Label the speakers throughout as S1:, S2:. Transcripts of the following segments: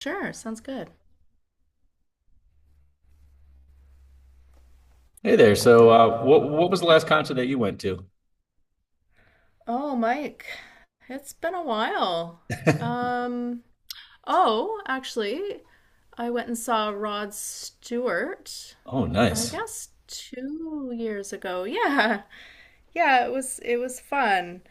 S1: Sure, sounds good.
S2: Hey there. So what was the last concert that you went to?
S1: Oh, Mike, it's been a while. Um, oh, actually, I went and saw Rod Stewart,
S2: Oh,
S1: I
S2: nice.
S1: guess 2 years ago. Yeah. Yeah, it was fun.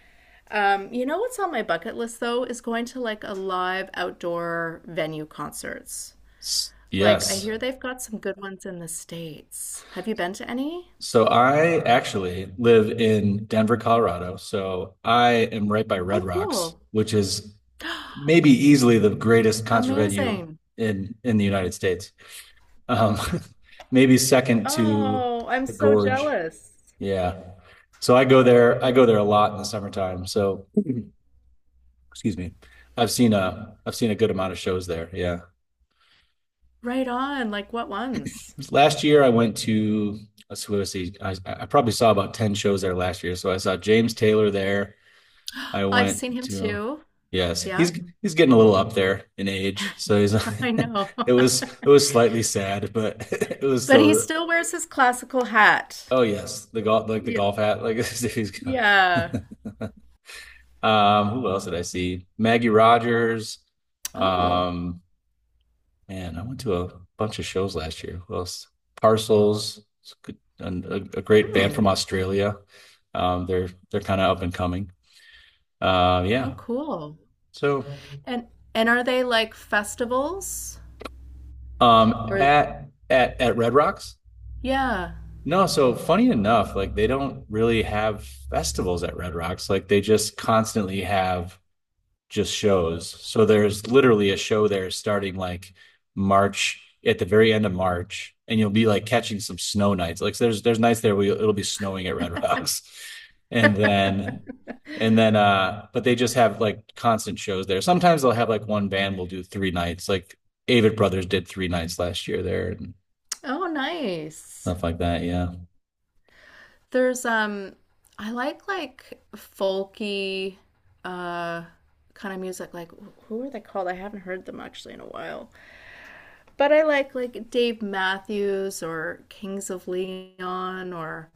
S1: What's on my bucket list though is going to like a live outdoor venue concerts.
S2: S-
S1: Like I
S2: Yes.
S1: hear they've got some good ones in the States. Have you been to any?
S2: So I actually live in Denver, Colorado. So I am right by
S1: Oh,
S2: Red Rocks,
S1: cool.
S2: which is maybe easily the greatest concert venue
S1: Amazing.
S2: in the United States. Um, maybe second to
S1: Oh, I'm
S2: the
S1: so
S2: Gorge.
S1: jealous.
S2: Yeah. So I go there. I go there a lot in the summertime. So, excuse me. I've seen a good amount of shows there. Yeah.
S1: Right on. Like what ones?
S2: Last year I went to, let's see, I probably saw about 10 shows there last year. So I saw James Taylor there. I
S1: I've
S2: went
S1: seen him
S2: to,
S1: too.
S2: yes,
S1: Yep.
S2: he's getting a little up there in age. So he's,
S1: I know.
S2: it was slightly sad, but it was
S1: But he
S2: still
S1: still wears his classical hat.
S2: oh yes, the golf, like the
S1: Y-
S2: golf hat, like he's gonna
S1: Yeah.
S2: who else did I see? Maggie Rogers,
S1: Oh.
S2: um man, I went to a bunch of shows last year. Who else? Parcels, it's good- and a great band
S1: Hmm.
S2: from Australia. They're kind of up and coming. Uh,
S1: Oh,
S2: yeah.
S1: cool.
S2: So
S1: And and are they like festivals?
S2: um,
S1: Or
S2: at Red Rocks?
S1: yeah.
S2: No. So funny enough, like they don't really have festivals at Red Rocks. Like they just constantly have just shows. So there's literally a show there starting like March, at the very end of March, and you'll be like catching some snow nights. Like so there's nights there where it'll be snowing at Red Rocks, and then but they just have like constant shows there. Sometimes they'll have like one band will do three nights. Like Avid Brothers did three nights last year there and
S1: Oh, nice.
S2: stuff like that. Yeah.
S1: There's I like folky uh kind of music like who are they called? I haven't heard them actually in a while. But I like Dave Matthews or Kings of Leon or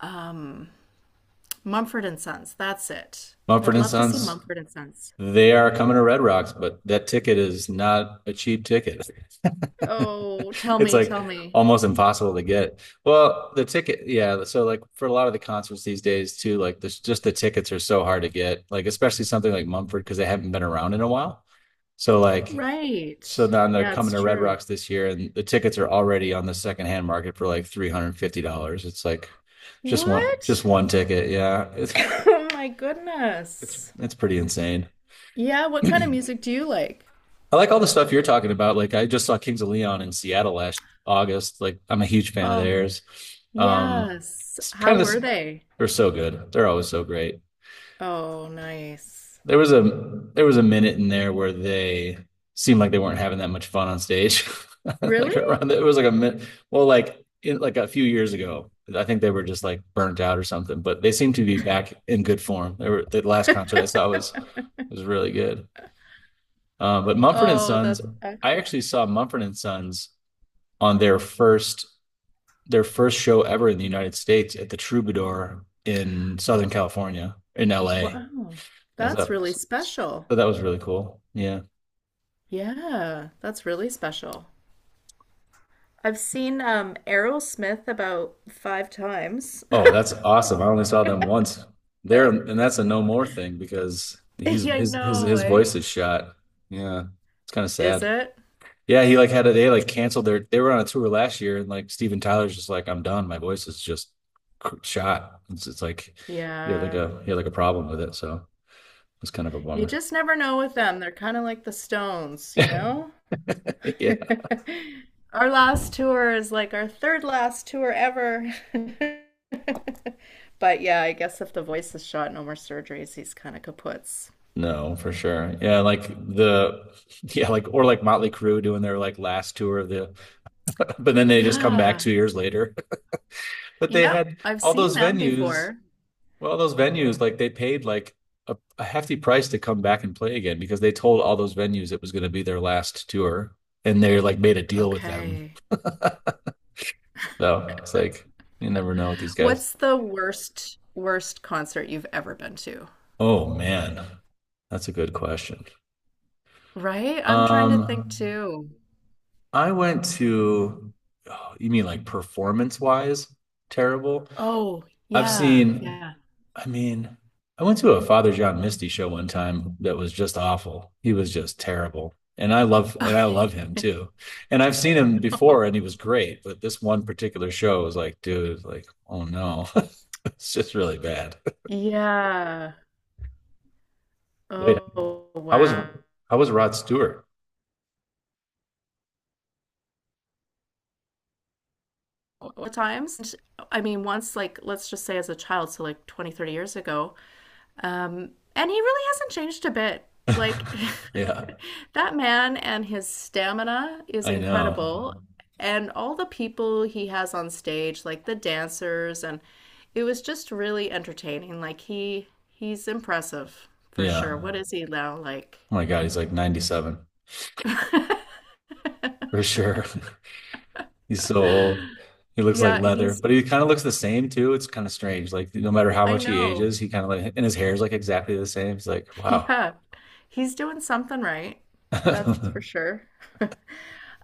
S1: um Mumford and Sons. That's it. I'd
S2: Mumford and
S1: love to see
S2: Sons.
S1: Mumford and Sons.
S2: They are coming to Red Rocks, but that ticket is not a cheap ticket.
S1: Oh, tell
S2: It's
S1: me, tell
S2: like
S1: me.
S2: almost impossible to get. Well, the ticket, yeah. So like for a lot of the concerts these days too, like this just the tickets are so hard to get. Like especially something like Mumford because they haven't been around in a while. So like
S1: Right.
S2: so now they're
S1: Yeah,
S2: coming
S1: it's
S2: to Red
S1: true.
S2: Rocks this year and the tickets are already on the secondhand market for like $350. It's like just one just
S1: What?
S2: one ticket. Yeah. It's
S1: Oh my
S2: it's
S1: goodness.
S2: it's pretty insane.
S1: Yeah, what kind of music do you like?
S2: I like all the stuff you're talking about. Like I just saw Kings of Leon in Seattle last August. Like I'm a huge fan of
S1: Oh.
S2: theirs. Um,
S1: Yes.
S2: it's
S1: How
S2: kind of
S1: were
S2: this,
S1: they?
S2: they're so good. They're always so great.
S1: Oh, nice.
S2: There was a minute in there where they seemed like they weren't having that much fun on stage.
S1: Really?
S2: Like around the, it was like a minute. Well, like in, like a few years ago, I think they were just like burnt out or something. But they seem to be back in good form. They were the last concert I saw was really good. But Mumford and
S1: Oh,
S2: Sons,
S1: that's
S2: I
S1: excellent.
S2: actually saw Mumford and Sons on their first show ever in the United States at the Troubadour in Southern California, in LA.
S1: Wow.
S2: And
S1: That's really special.
S2: so that was really cool. Yeah.
S1: Yeah, that's really special. I've seen Aerosmith about 5 times.
S2: Oh, that's awesome. I only saw them once. There, and that's a no more thing because he's
S1: Yeah, I know,
S2: his
S1: eh?
S2: voice is shot. Yeah. It's kind of
S1: Is
S2: sad.
S1: it?
S2: Yeah, he like had a they like canceled their they were on a tour last year and like Steven Tyler's just like I'm done. My voice is just cr- shot. It's like
S1: Yeah.
S2: he had like a problem with it, so it's kind of a
S1: You
S2: bummer.
S1: just never know with them. They're kind of like the Stones, you know?
S2: Yeah.
S1: Our last tour is like our third last tour ever. But yeah, I guess if the voice is shot, no more surgeries, he's kind of kaputs.
S2: No, for sure. Yeah, like the yeah, like or like Motley Crue doing their like last tour of the but then they just come back
S1: Yeah.
S2: 2 years later. But they
S1: Yep.
S2: had
S1: I've
S2: all
S1: seen
S2: those
S1: them
S2: venues,
S1: before.
S2: well, those venues, like they paid like a hefty price to come back and play again because they told all those venues it was going to be their last tour, and they like made a deal with them.
S1: Okay.
S2: So it's like you never know with these guys.
S1: What's the worst concert you've ever been to?
S2: Oh man, that's a good question.
S1: Right? I'm trying to think
S2: Um,
S1: too.
S2: I went to, oh, you mean like performance wise, terrible?
S1: Oh,
S2: I've
S1: yeah.
S2: seen,
S1: Yeah.
S2: I mean, I went to a Father John Misty show one time that was just awful. He was just terrible. And I love him too. And I've seen him before and he was great, but this one particular show was like, dude, like, oh no. It's just really bad.
S1: Yeah.
S2: Wait,
S1: Oh,
S2: I was
S1: wow.
S2: I was Rod Stewart?
S1: times. I mean, once, like, let's just say as a child, so like 20, 30 years ago. And he really hasn't changed a bit. Like
S2: Yeah,
S1: that man and his stamina is
S2: I know.
S1: incredible. And all the people he has on stage, like the dancers, and it was just really entertaining. Like he he's impressive for sure. What
S2: Yeah.
S1: is he now like?
S2: Oh my God, he's like 97 for sure. He's so old. He looks like
S1: Yeah,
S2: leather,
S1: he's
S2: but he kind of looks the same too. It's kind of strange. Like no matter how
S1: I
S2: much he
S1: know.
S2: ages, he kind of like and his hair is like exactly the same. It's like, wow.
S1: Yeah. He's doing something right. That's for sure.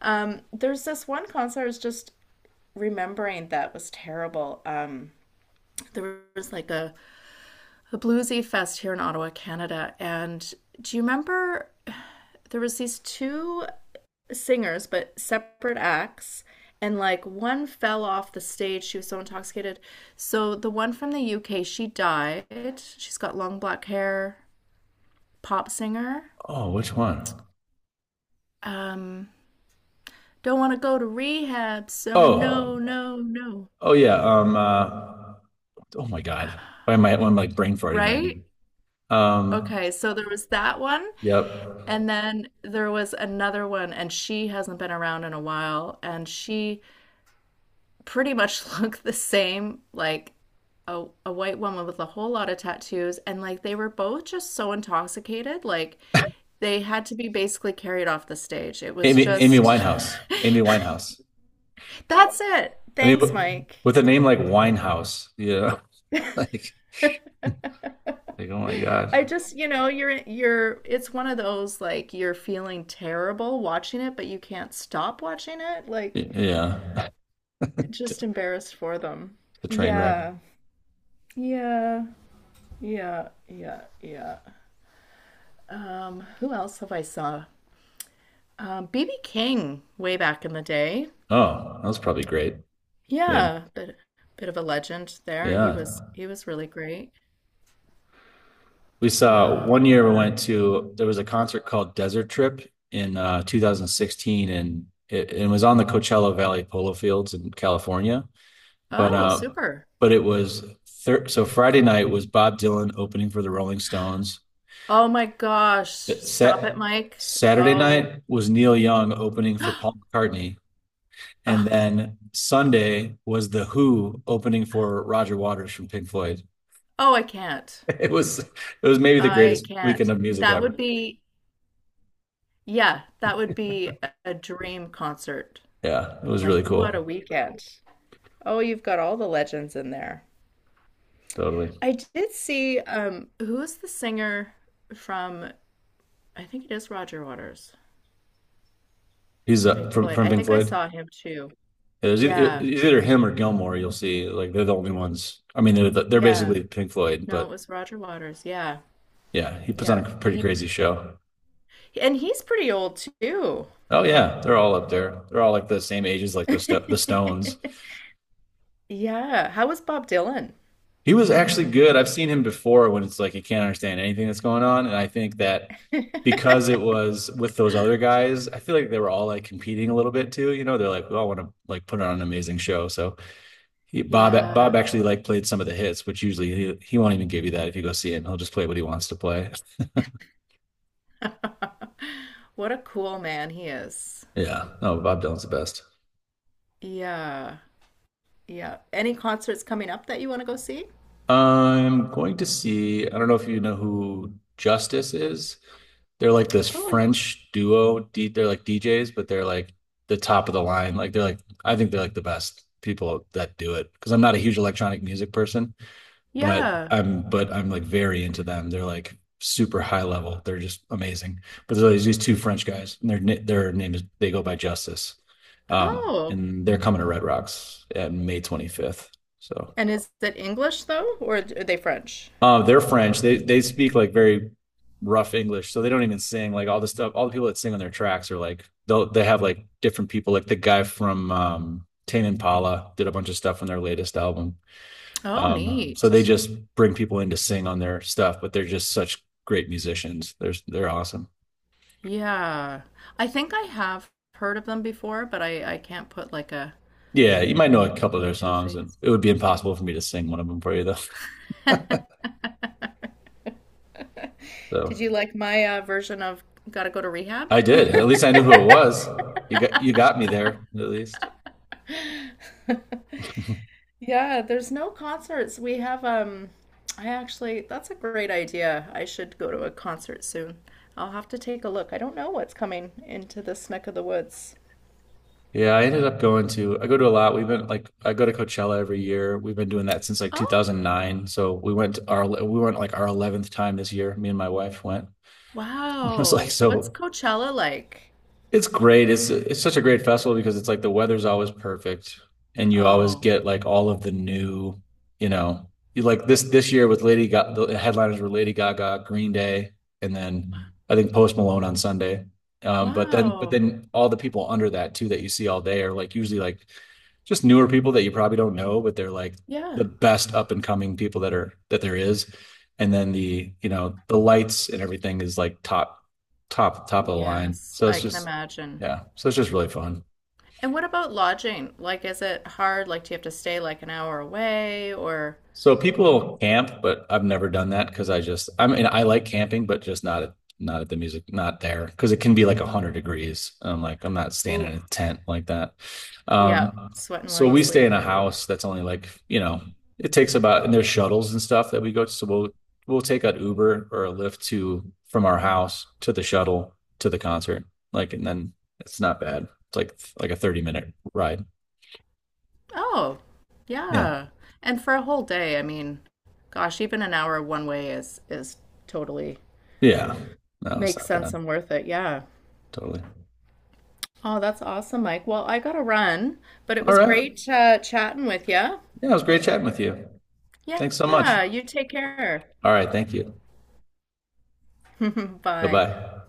S1: There's this one concert is just remembering that was terrible. There was like a bluesy fest here in Ottawa, Canada. And do you remember there was these two singers, but separate acts, and like one fell off the stage. She was so intoxicated. So the one from the UK, she died. She's got long black hair, pop singer.
S2: Oh, which one?
S1: Um, don't want to go to rehab, so
S2: Oh,
S1: no, no, no.
S2: oh yeah. Oh my God. Why am I? I'm like brain farting right
S1: Right?
S2: now.
S1: Okay, so there was that one.
S2: Yep.
S1: And then there was another one, and she hasn't been around in a while, and she pretty much looked the same, like a white woman with a whole lot of tattoos. And like they were both just so intoxicated, like they had to be basically carried off the stage. It was
S2: Amy. Amy
S1: just,
S2: Winehouse. Amy Winehouse.
S1: that's it.
S2: I mean,
S1: Thanks,
S2: w-
S1: Mike.
S2: with a name like Winehouse, yeah. Like, like, oh my God.
S1: I just, you know, you're it's one of those like you're feeling terrible watching it, but you can't stop watching it. Like
S2: Y- Yeah.
S1: just embarrassed for them.
S2: The train wreck.
S1: Yeah. Yeah, yeah, yeah, yeah. Who else have I saw? BB King way back in the day.
S2: Oh, that was probably great. I mean,
S1: Yeah, bit bit of a legend there.
S2: yeah.
S1: He was really great.
S2: We saw
S1: Yeah.
S2: one year we
S1: Uh,
S2: went to, there was a concert called Desert Trip in 2016, and it was on the Coachella Valley Polo Fields in California. But
S1: oh,
S2: uh,
S1: super.
S2: but it was thir So Friday night was Bob Dylan opening for the Rolling Stones.
S1: Oh my gosh, stop it,
S2: Sat
S1: Mike.
S2: Saturday
S1: Oh,
S2: night was Neil Young opening for Paul McCartney, and
S1: oh,
S2: then Sunday was The Who opening for Roger Waters from Pink Floyd.
S1: oh, I can't.
S2: It was maybe the
S1: I
S2: greatest weekend
S1: can't.
S2: of music
S1: That
S2: ever.
S1: would be, yeah, that would be a dream concert.
S2: Yeah, it was
S1: Like,
S2: really
S1: what a
S2: cool.
S1: weekend. Oh, you've got all the legends in there.
S2: Totally.
S1: I did see who is the singer from I think it is Roger Waters
S2: He's
S1: from Pink
S2: from
S1: Floyd. I
S2: Pink
S1: think I
S2: Floyd.
S1: saw him too.
S2: It was either, it
S1: Yeah.
S2: was either him or Gilmore. You'll see, like they're the only ones. I mean, they're
S1: Yeah.
S2: basically Pink Floyd,
S1: No,
S2: but
S1: it was Roger Waters. Yeah.
S2: yeah, he puts on
S1: Yeah.
S2: a pretty
S1: He
S2: crazy show.
S1: and he's pretty old too.
S2: Oh yeah, they're all up there. They're all like the same ages, like the st the Stones.
S1: Yeah. How was Bob Dylan?
S2: He was actually good. I've seen him before when it's like he can't understand anything that's going on, and I think that because it was with those other guys, I feel like they were all like competing a little bit too. You know, they're like, we all want to like put on an amazing show, so he, Bob
S1: Yeah.
S2: actually like played some of the hits, which usually he won't even give you that if you go see him. He'll just play what he wants to play.
S1: What a cool man he is.
S2: Yeah. No, Bob Dylan's the best.
S1: Yeah. Yeah. Any concerts coming up that you want to go see?
S2: I'm going to see. I don't know if you know who Justice is. They're like this
S1: Oh, I-
S2: French duo. D, they're like DJs, but they're like the top of the line. Like they're like I think they're like the best people that do it because I'm not a huge electronic music person, but
S1: yeah.
S2: I'm but I'm like very into them. They're like super high level. They're just amazing. But so there's these two French guys, and their name is they go by Justice, um,
S1: Oh.
S2: and they're coming to Red Rocks at May 25th. So
S1: And is it English though, or are they French?
S2: they're French. They speak like very rough English, so they don't even sing. Like all the stuff, all the people that sing on their tracks are like they'll they have like different people. Like the guy from Tame Impala did a bunch of stuff on their latest album.
S1: Oh,
S2: So they
S1: neat.
S2: just bring people in to sing on their stuff, but they're just such great musicians. They're awesome.
S1: Yeah. I think I have heard of them before, but I can't put like a
S2: Yeah, you might know a couple of their
S1: name to a
S2: songs, and
S1: face.
S2: it would be impossible for me to sing one of them for you though.
S1: Did you
S2: So
S1: like my version of Gotta Go to Rehab?
S2: I did. At least I knew who it was. You got me there at least.
S1: Yeah, there's no concerts. We have I actually that's a great idea. I should go to a concert soon. I'll have to take a look. I don't know what's coming into this neck of the woods.
S2: Yeah, I ended up going to I go to a lot. We've been like I go to Coachella every year. We've been doing that since like
S1: Oh,
S2: 2009. So we went to our we went like our 11th time this year. Me and my wife went. I was like
S1: wow. What's
S2: so
S1: Coachella like?
S2: it's great. It's such a great festival because it's like the weather's always perfect and you always
S1: Oh,
S2: get like all of the new, you know, you like this year with Lady Gaga, the headliners were Lady Gaga, Green Day, and then I think Post Malone on Sunday. Um, but then but
S1: wow.
S2: then all the people under that too that you see all day are like usually like just newer people that you probably don't know, but they're like
S1: Yeah.
S2: the best up and coming people that are that there is. And then the, you know, the lights and everything is like top top of the line.
S1: Yes,
S2: So
S1: I
S2: it's
S1: can
S2: just
S1: imagine.
S2: yeah. So it's just really fun.
S1: And what about lodging? Like, is it hard? Like, do you have to stay like an hour away or,
S2: So people camp, but I've never done that because I just, I mean, I like camping, but just not at, not at the music, not there because it can be like 100 degrees. I'm like, I'm not staying in
S1: ooh,
S2: a tent like that.
S1: yeah,
S2: Um,
S1: sweating while
S2: so
S1: you
S2: we stay in
S1: sleep.
S2: a house that's only like, you know, it takes about, and there's shuttles and stuff that we go to. So we'll take an Uber or a Lyft to, from our house to the shuttle to the concert. Like, and then it's not bad. It's like a 30-minute ride.
S1: Oh,
S2: Yeah.
S1: yeah. And for a whole day, I mean, gosh, even an hour one way is totally
S2: Yeah. No, it's
S1: makes
S2: not
S1: sense
S2: bad.
S1: and worth it. Yeah.
S2: Totally.
S1: Oh, that's awesome, Mike. Well, I gotta run, but it
S2: All
S1: was
S2: right.
S1: great chatting with you.
S2: Yeah, it was great chatting with you. Thanks so much.
S1: Yeah, you take care.
S2: All right. Thank you. Bye
S1: Bye.
S2: bye.